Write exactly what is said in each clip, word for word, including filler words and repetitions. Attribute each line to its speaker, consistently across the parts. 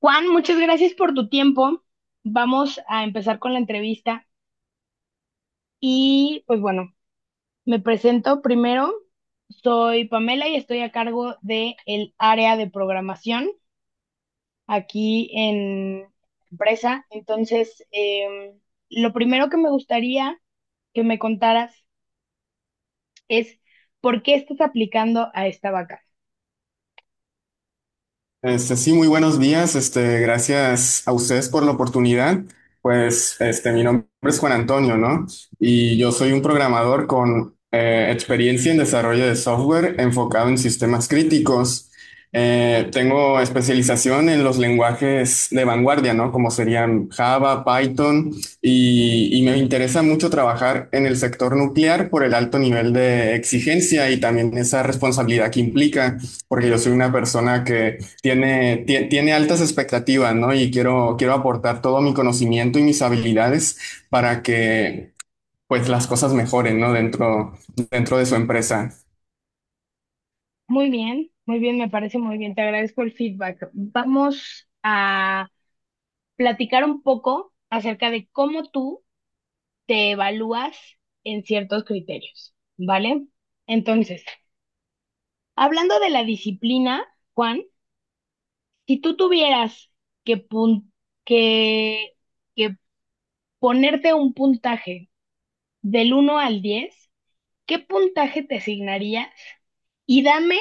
Speaker 1: Juan, muchas gracias por tu tiempo. Vamos a empezar con la entrevista y pues bueno, me presento primero. Soy Pamela y estoy a cargo de el área de programación aquí en empresa. Entonces, em, lo primero que me gustaría que me contaras es por qué estás aplicando a esta vaca.
Speaker 2: Este, sí, muy buenos días. Este, gracias a ustedes por la oportunidad. Pues, este, mi nombre es Juan Antonio, ¿no? Y yo soy un programador con eh, experiencia en desarrollo de software enfocado en sistemas críticos. Eh, tengo especialización en los lenguajes de vanguardia, ¿no? Como serían Java, Python, y, y me interesa mucho trabajar en el sector nuclear por el alto nivel de exigencia y también esa responsabilidad que implica, porque yo soy una persona que tiene, tie- tiene altas expectativas, ¿no? Y quiero, quiero aportar todo mi conocimiento y mis habilidades para que, pues, las cosas mejoren, ¿no? Dentro, dentro de su empresa.
Speaker 1: Muy bien, muy bien, me parece muy bien. Te agradezco el feedback. Vamos a platicar un poco acerca de cómo tú te evalúas en ciertos criterios, ¿vale? Entonces, hablando de la disciplina, Juan, si tú tuvieras que, pun- que, que ponerte un puntaje del uno al diez, ¿qué puntaje te asignarías? Y dame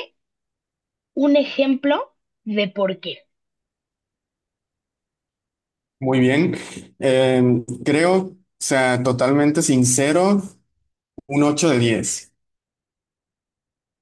Speaker 1: un ejemplo de por qué.
Speaker 2: Muy bien. Eh, Creo, o sea, totalmente sincero, un ocho de diez.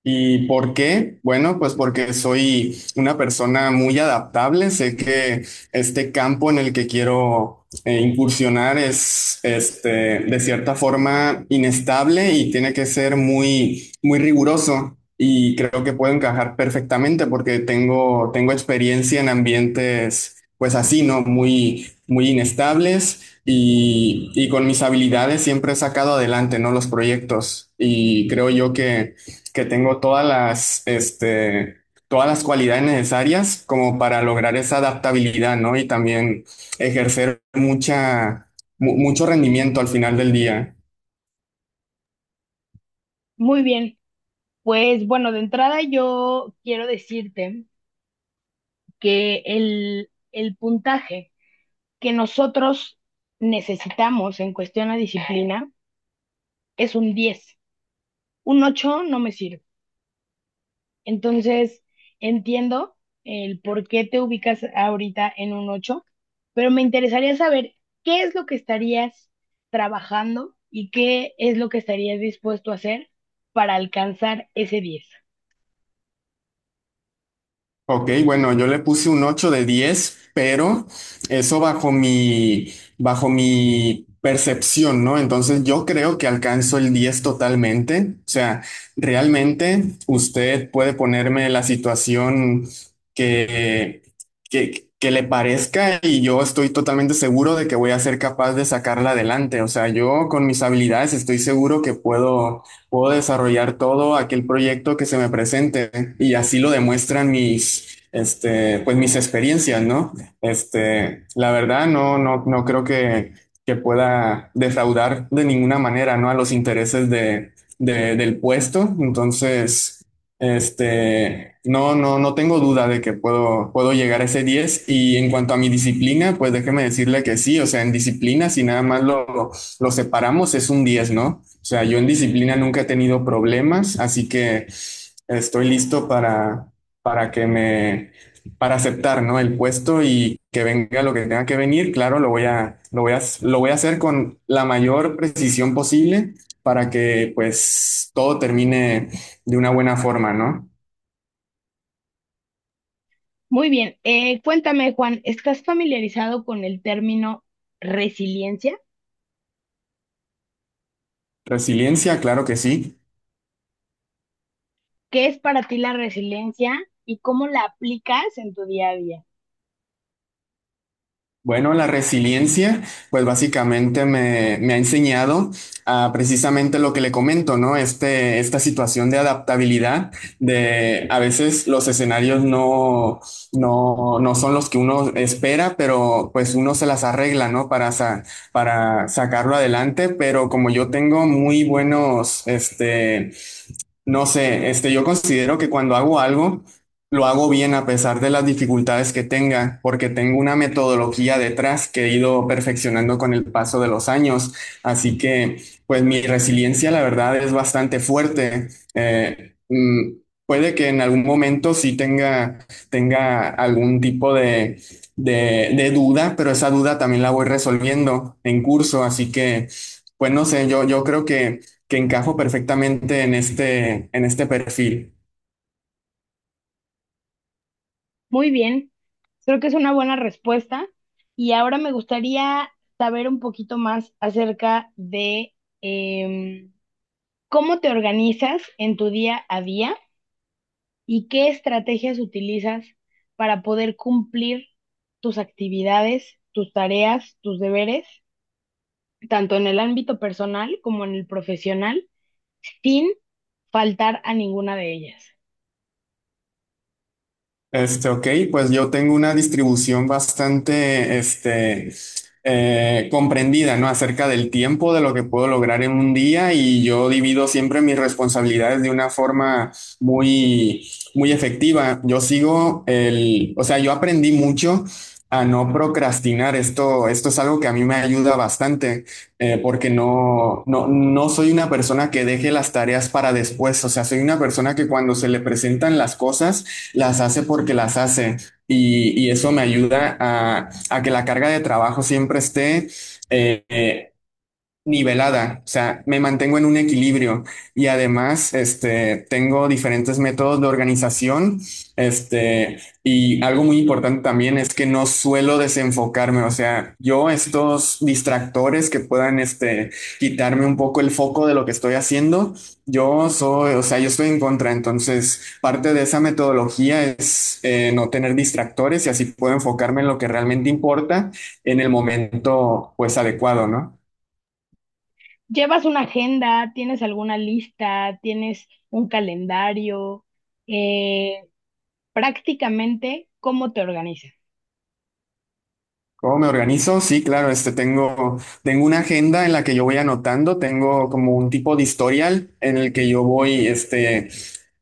Speaker 2: ¿Y por qué? Bueno, pues porque soy una persona muy adaptable. Sé que este campo en el que quiero eh, incursionar es, este, de cierta forma inestable y tiene que ser muy, muy riguroso. Y creo que puedo encajar perfectamente porque tengo, tengo experiencia en ambientes, pues así, ¿no? Muy, muy inestables y, y con mis habilidades siempre he sacado adelante, ¿no? los proyectos. Y creo yo que que tengo todas las, este, todas las cualidades necesarias como para lograr esa adaptabilidad, ¿no? Y también ejercer mucha, mu- mucho rendimiento al final del día.
Speaker 1: Muy bien, pues bueno, de entrada yo quiero decirte que el, el puntaje que nosotros necesitamos en cuestión a disciplina es un diez. Un ocho no me sirve. Entonces, entiendo el por qué te ubicas ahorita en un ocho, pero me interesaría saber qué es lo que estarías trabajando y qué es lo que estarías dispuesto a hacer para alcanzar ese diez.
Speaker 2: Ok, bueno, yo le puse un ocho de diez, pero eso bajo mi, bajo mi percepción, ¿no? Entonces yo creo que alcanzo el diez totalmente. O sea, realmente usted puede ponerme la situación que, que, que le parezca y yo estoy totalmente seguro de que voy a ser capaz de sacarla adelante. O sea, yo con mis habilidades estoy seguro que puedo Puedo desarrollar todo aquel proyecto que se me presente y así lo demuestran mis, este, pues mis experiencias, ¿no? Este, la verdad, no, no, no creo que, que pueda defraudar de ninguna manera, ¿no? A los intereses de, de- del puesto. Entonces, este, no, no, no tengo duda de que puedo, puedo llegar a ese diez. Y en cuanto a mi disciplina, pues déjeme decirle que sí, o sea, en disciplina, si nada más lo lo separamos, es un diez, ¿no? O sea, yo en disciplina nunca he tenido problemas, así que estoy listo para, para que me, para aceptar, ¿no? El puesto y que venga lo que tenga que venir, claro, lo voy a, lo voy a, lo voy a hacer con la mayor precisión posible para que pues todo termine de una buena forma, ¿no?
Speaker 1: Muy bien, eh, cuéntame Juan, ¿estás familiarizado con el término resiliencia?
Speaker 2: Resiliencia, claro que sí.
Speaker 1: ¿Qué es para ti la resiliencia y cómo la aplicas en tu día a día?
Speaker 2: Bueno, la resiliencia, pues básicamente me, me ha enseñado a precisamente lo que le comento, ¿no? Este, esta situación de adaptabilidad, de a veces los escenarios no, no, no son los que uno espera, pero pues uno se las arregla, ¿no? Para, sa- para sacarlo adelante, pero como yo tengo muy buenos, este, no sé, este, yo considero que cuando hago algo, lo hago bien a pesar de las dificultades que tenga, porque tengo una metodología detrás que he ido perfeccionando con el paso de los años. Así que, pues mi resiliencia, la verdad, es bastante fuerte. Eh, mm, Puede que en algún momento sí tenga, tenga algún tipo de, de, de duda, pero esa duda también la voy resolviendo en curso. Así que, pues no sé, yo, yo creo que que encajo perfectamente en este, en este perfil.
Speaker 1: Muy bien, creo que es una buena respuesta. Y ahora me gustaría saber un poquito más acerca de em, cómo te organizas en tu día a día y qué estrategias utilizas para poder cumplir tus actividades, tus tareas, tus deberes, tanto en el ámbito personal como en el profesional, sin faltar a ninguna de ellas.
Speaker 2: Este, ok, pues yo tengo una distribución bastante, este, eh, comprendida, ¿no? Acerca del tiempo, de lo que puedo lograr en un día y yo divido siempre mis responsabilidades de una forma muy, muy efectiva. Yo sigo el, o sea, yo aprendí mucho a no procrastinar. Esto, esto es algo que a mí me ayuda bastante, eh, porque no, no, no soy una persona que deje las tareas para después. O sea, soy una persona que cuando se le presentan las cosas, las hace porque las hace. Y, y eso me ayuda a, a que la carga de trabajo siempre esté eh, eh, nivelada, o sea, me mantengo en un equilibrio y además, este, tengo diferentes métodos de organización, este, y algo muy importante también es que no suelo desenfocarme, o sea, yo estos distractores que puedan, este, quitarme un poco el foco de lo que estoy haciendo, yo soy, o sea, yo estoy en contra, entonces parte de esa metodología es eh, no tener distractores y así puedo enfocarme en lo que realmente importa en el momento, pues, adecuado, ¿no?
Speaker 1: ¿Llevas una agenda? ¿Tienes alguna lista? ¿Tienes un calendario? Eh, Prácticamente, ¿cómo te organizas?
Speaker 2: ¿Cómo me organizo? Sí, claro, este tengo, tengo una agenda en la que yo voy anotando, tengo como un tipo de historial en el que yo voy, este,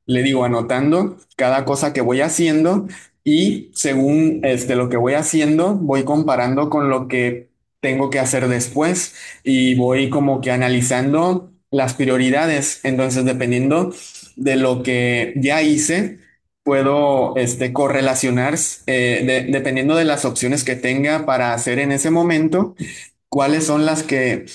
Speaker 2: le digo, anotando cada cosa que voy haciendo y según este, lo que voy haciendo, voy comparando con lo que tengo que hacer después y voy como que analizando las prioridades. Entonces, dependiendo de lo que ya hice puedo este, correlacionar, eh, de- dependiendo de las opciones que tenga para hacer en ese momento, cuáles son las que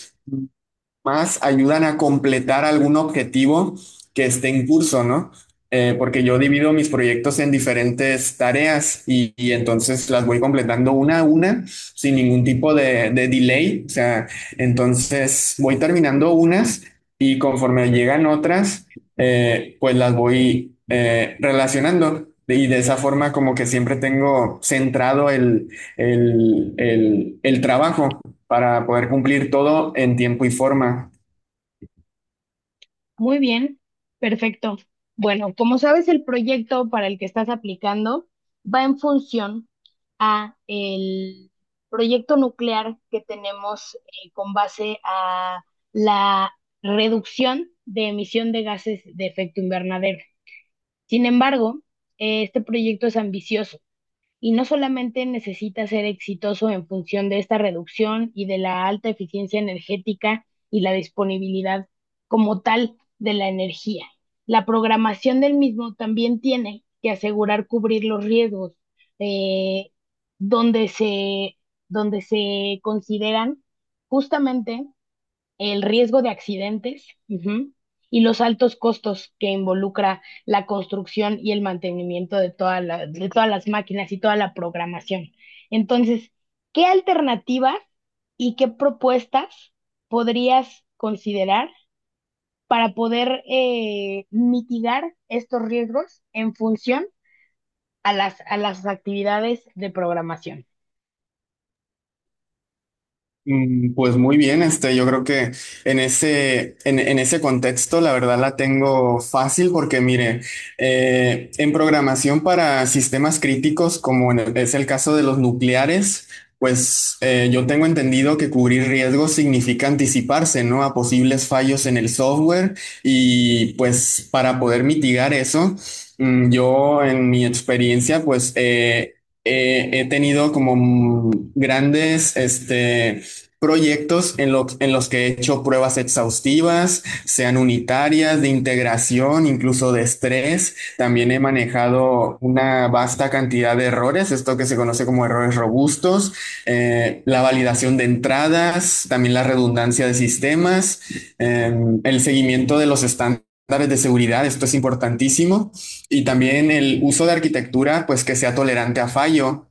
Speaker 2: más ayudan a completar algún objetivo que esté en curso, ¿no? Eh, porque yo divido mis proyectos en diferentes tareas y, y entonces las voy completando una a una sin ningún tipo de, de delay. O sea, entonces voy terminando unas y conforme llegan otras, eh, pues las voy eh, relacionando. Y de esa forma como que siempre tengo centrado el, el, el, el trabajo para poder cumplir todo en tiempo y forma.
Speaker 1: Muy bien, perfecto. Bueno, como sabes, el proyecto para el que estás aplicando va en función a el proyecto nuclear que tenemos, eh, con base a la reducción de emisión de gases de efecto invernadero. Sin embargo, eh, este proyecto es ambicioso y no solamente necesita ser exitoso en función de esta reducción y de la alta eficiencia energética y la disponibilidad como tal de la energía. La programación del mismo también tiene que asegurar cubrir los riesgos, eh, donde se, donde se consideran justamente el riesgo de accidentes, ujú, y los altos costos que involucra la construcción y el mantenimiento de toda la- de todas las máquinas y toda la programación. Entonces, ¿qué alternativas y qué propuestas podrías considerar para poder eh, mitigar estos riesgos en función a las, a las actividades de programación?
Speaker 2: Mm, Pues muy bien, este, yo creo que en ese, en, en ese contexto la verdad la tengo fácil porque mire, eh, en programación para sistemas críticos, como en el- es el caso de los nucleares, pues eh, yo tengo entendido que cubrir riesgos significa anticiparse, ¿no? A posibles fallos en el software y pues para poder mitigar eso, mm, yo en mi experiencia pues eh, eh, he tenido como mm, grandes, este proyectos en, lo- en los que he hecho pruebas exhaustivas, sean unitarias, de integración, incluso de estrés. También he manejado una vasta cantidad de errores, esto que se conoce como errores robustos, eh, la validación de entradas, también la redundancia de sistemas, eh, el seguimiento de los estándares de seguridad, esto es importantísimo, y también el uso de arquitectura, pues que sea tolerante a fallo,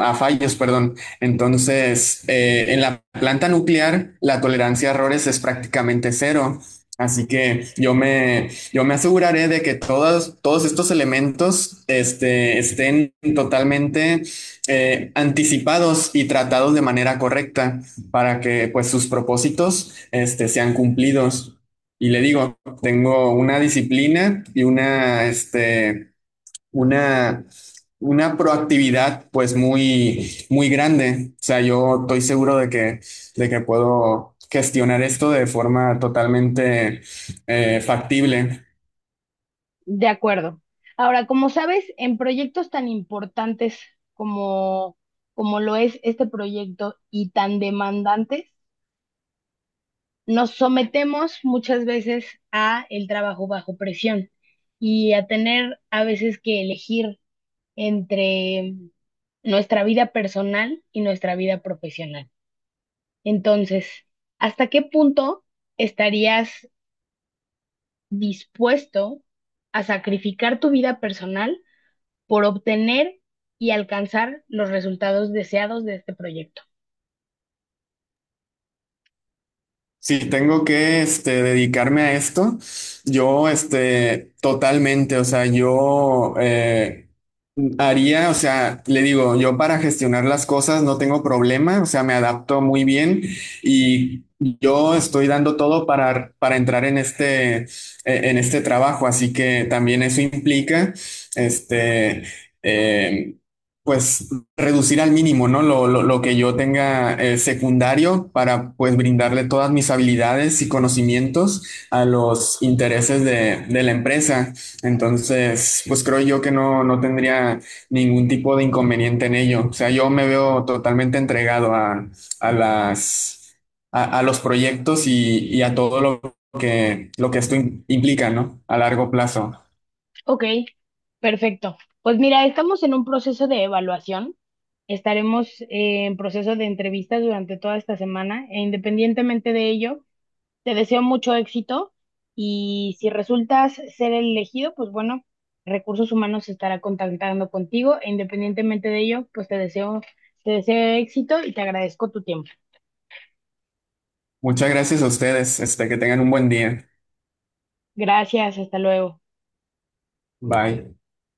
Speaker 2: a fallos, perdón. Entonces, eh, en la planta nuclear, la tolerancia a errores es prácticamente cero. Así que yo me, yo me aseguraré de que todos, todos estos elementos este, estén totalmente eh, anticipados y tratados de manera correcta para que pues, sus propósitos este, sean cumplidos. Y le digo, tengo una disciplina y una, este, una, una proactividad pues muy, muy grande. O sea, yo estoy seguro de que, de que puedo gestionar esto de forma totalmente eh, factible.
Speaker 1: De acuerdo. Ahora, como sabes, en proyectos tan importantes como, como lo es este proyecto y tan demandantes, nos sometemos muchas veces a el trabajo bajo presión y a tener a veces que elegir entre nuestra vida personal y nuestra vida profesional. Entonces, ¿hasta qué punto estarías dispuesto a sacrificar tu vida personal por obtener y alcanzar los resultados deseados de este proyecto?
Speaker 2: Si tengo que este, dedicarme a esto, yo este, totalmente, o sea, yo eh, haría, o sea, le digo, yo para gestionar las cosas no tengo problema, o sea, me adapto muy bien y yo estoy dando todo para, para entrar en este, eh, en este trabajo, así que también eso implica, este, eh, pues reducir al mínimo, ¿no? Lo, lo, lo que yo tenga eh, secundario para pues brindarle todas mis habilidades y conocimientos a los intereses de, de la empresa. Entonces, pues creo yo que no, no tendría ningún tipo de inconveniente en ello. O sea, yo me veo totalmente entregado a, a las, a, a los proyectos y, y a todo lo que, lo que esto im- implica, ¿no? A largo plazo.
Speaker 1: Ok, perfecto. Pues mira, estamos en un proceso de evaluación. Estaremos eh, en proceso de entrevistas durante toda esta semana e independientemente de ello. Te deseo mucho éxito y si resultas ser el elegido, pues bueno, Recursos Humanos se estará contactando contigo e independientemente de ello, pues te deseo, te deseo éxito y te agradezco tu tiempo.
Speaker 2: Muchas gracias a ustedes. Este, que tengan un buen día.
Speaker 1: Gracias, hasta luego.
Speaker 2: Bye.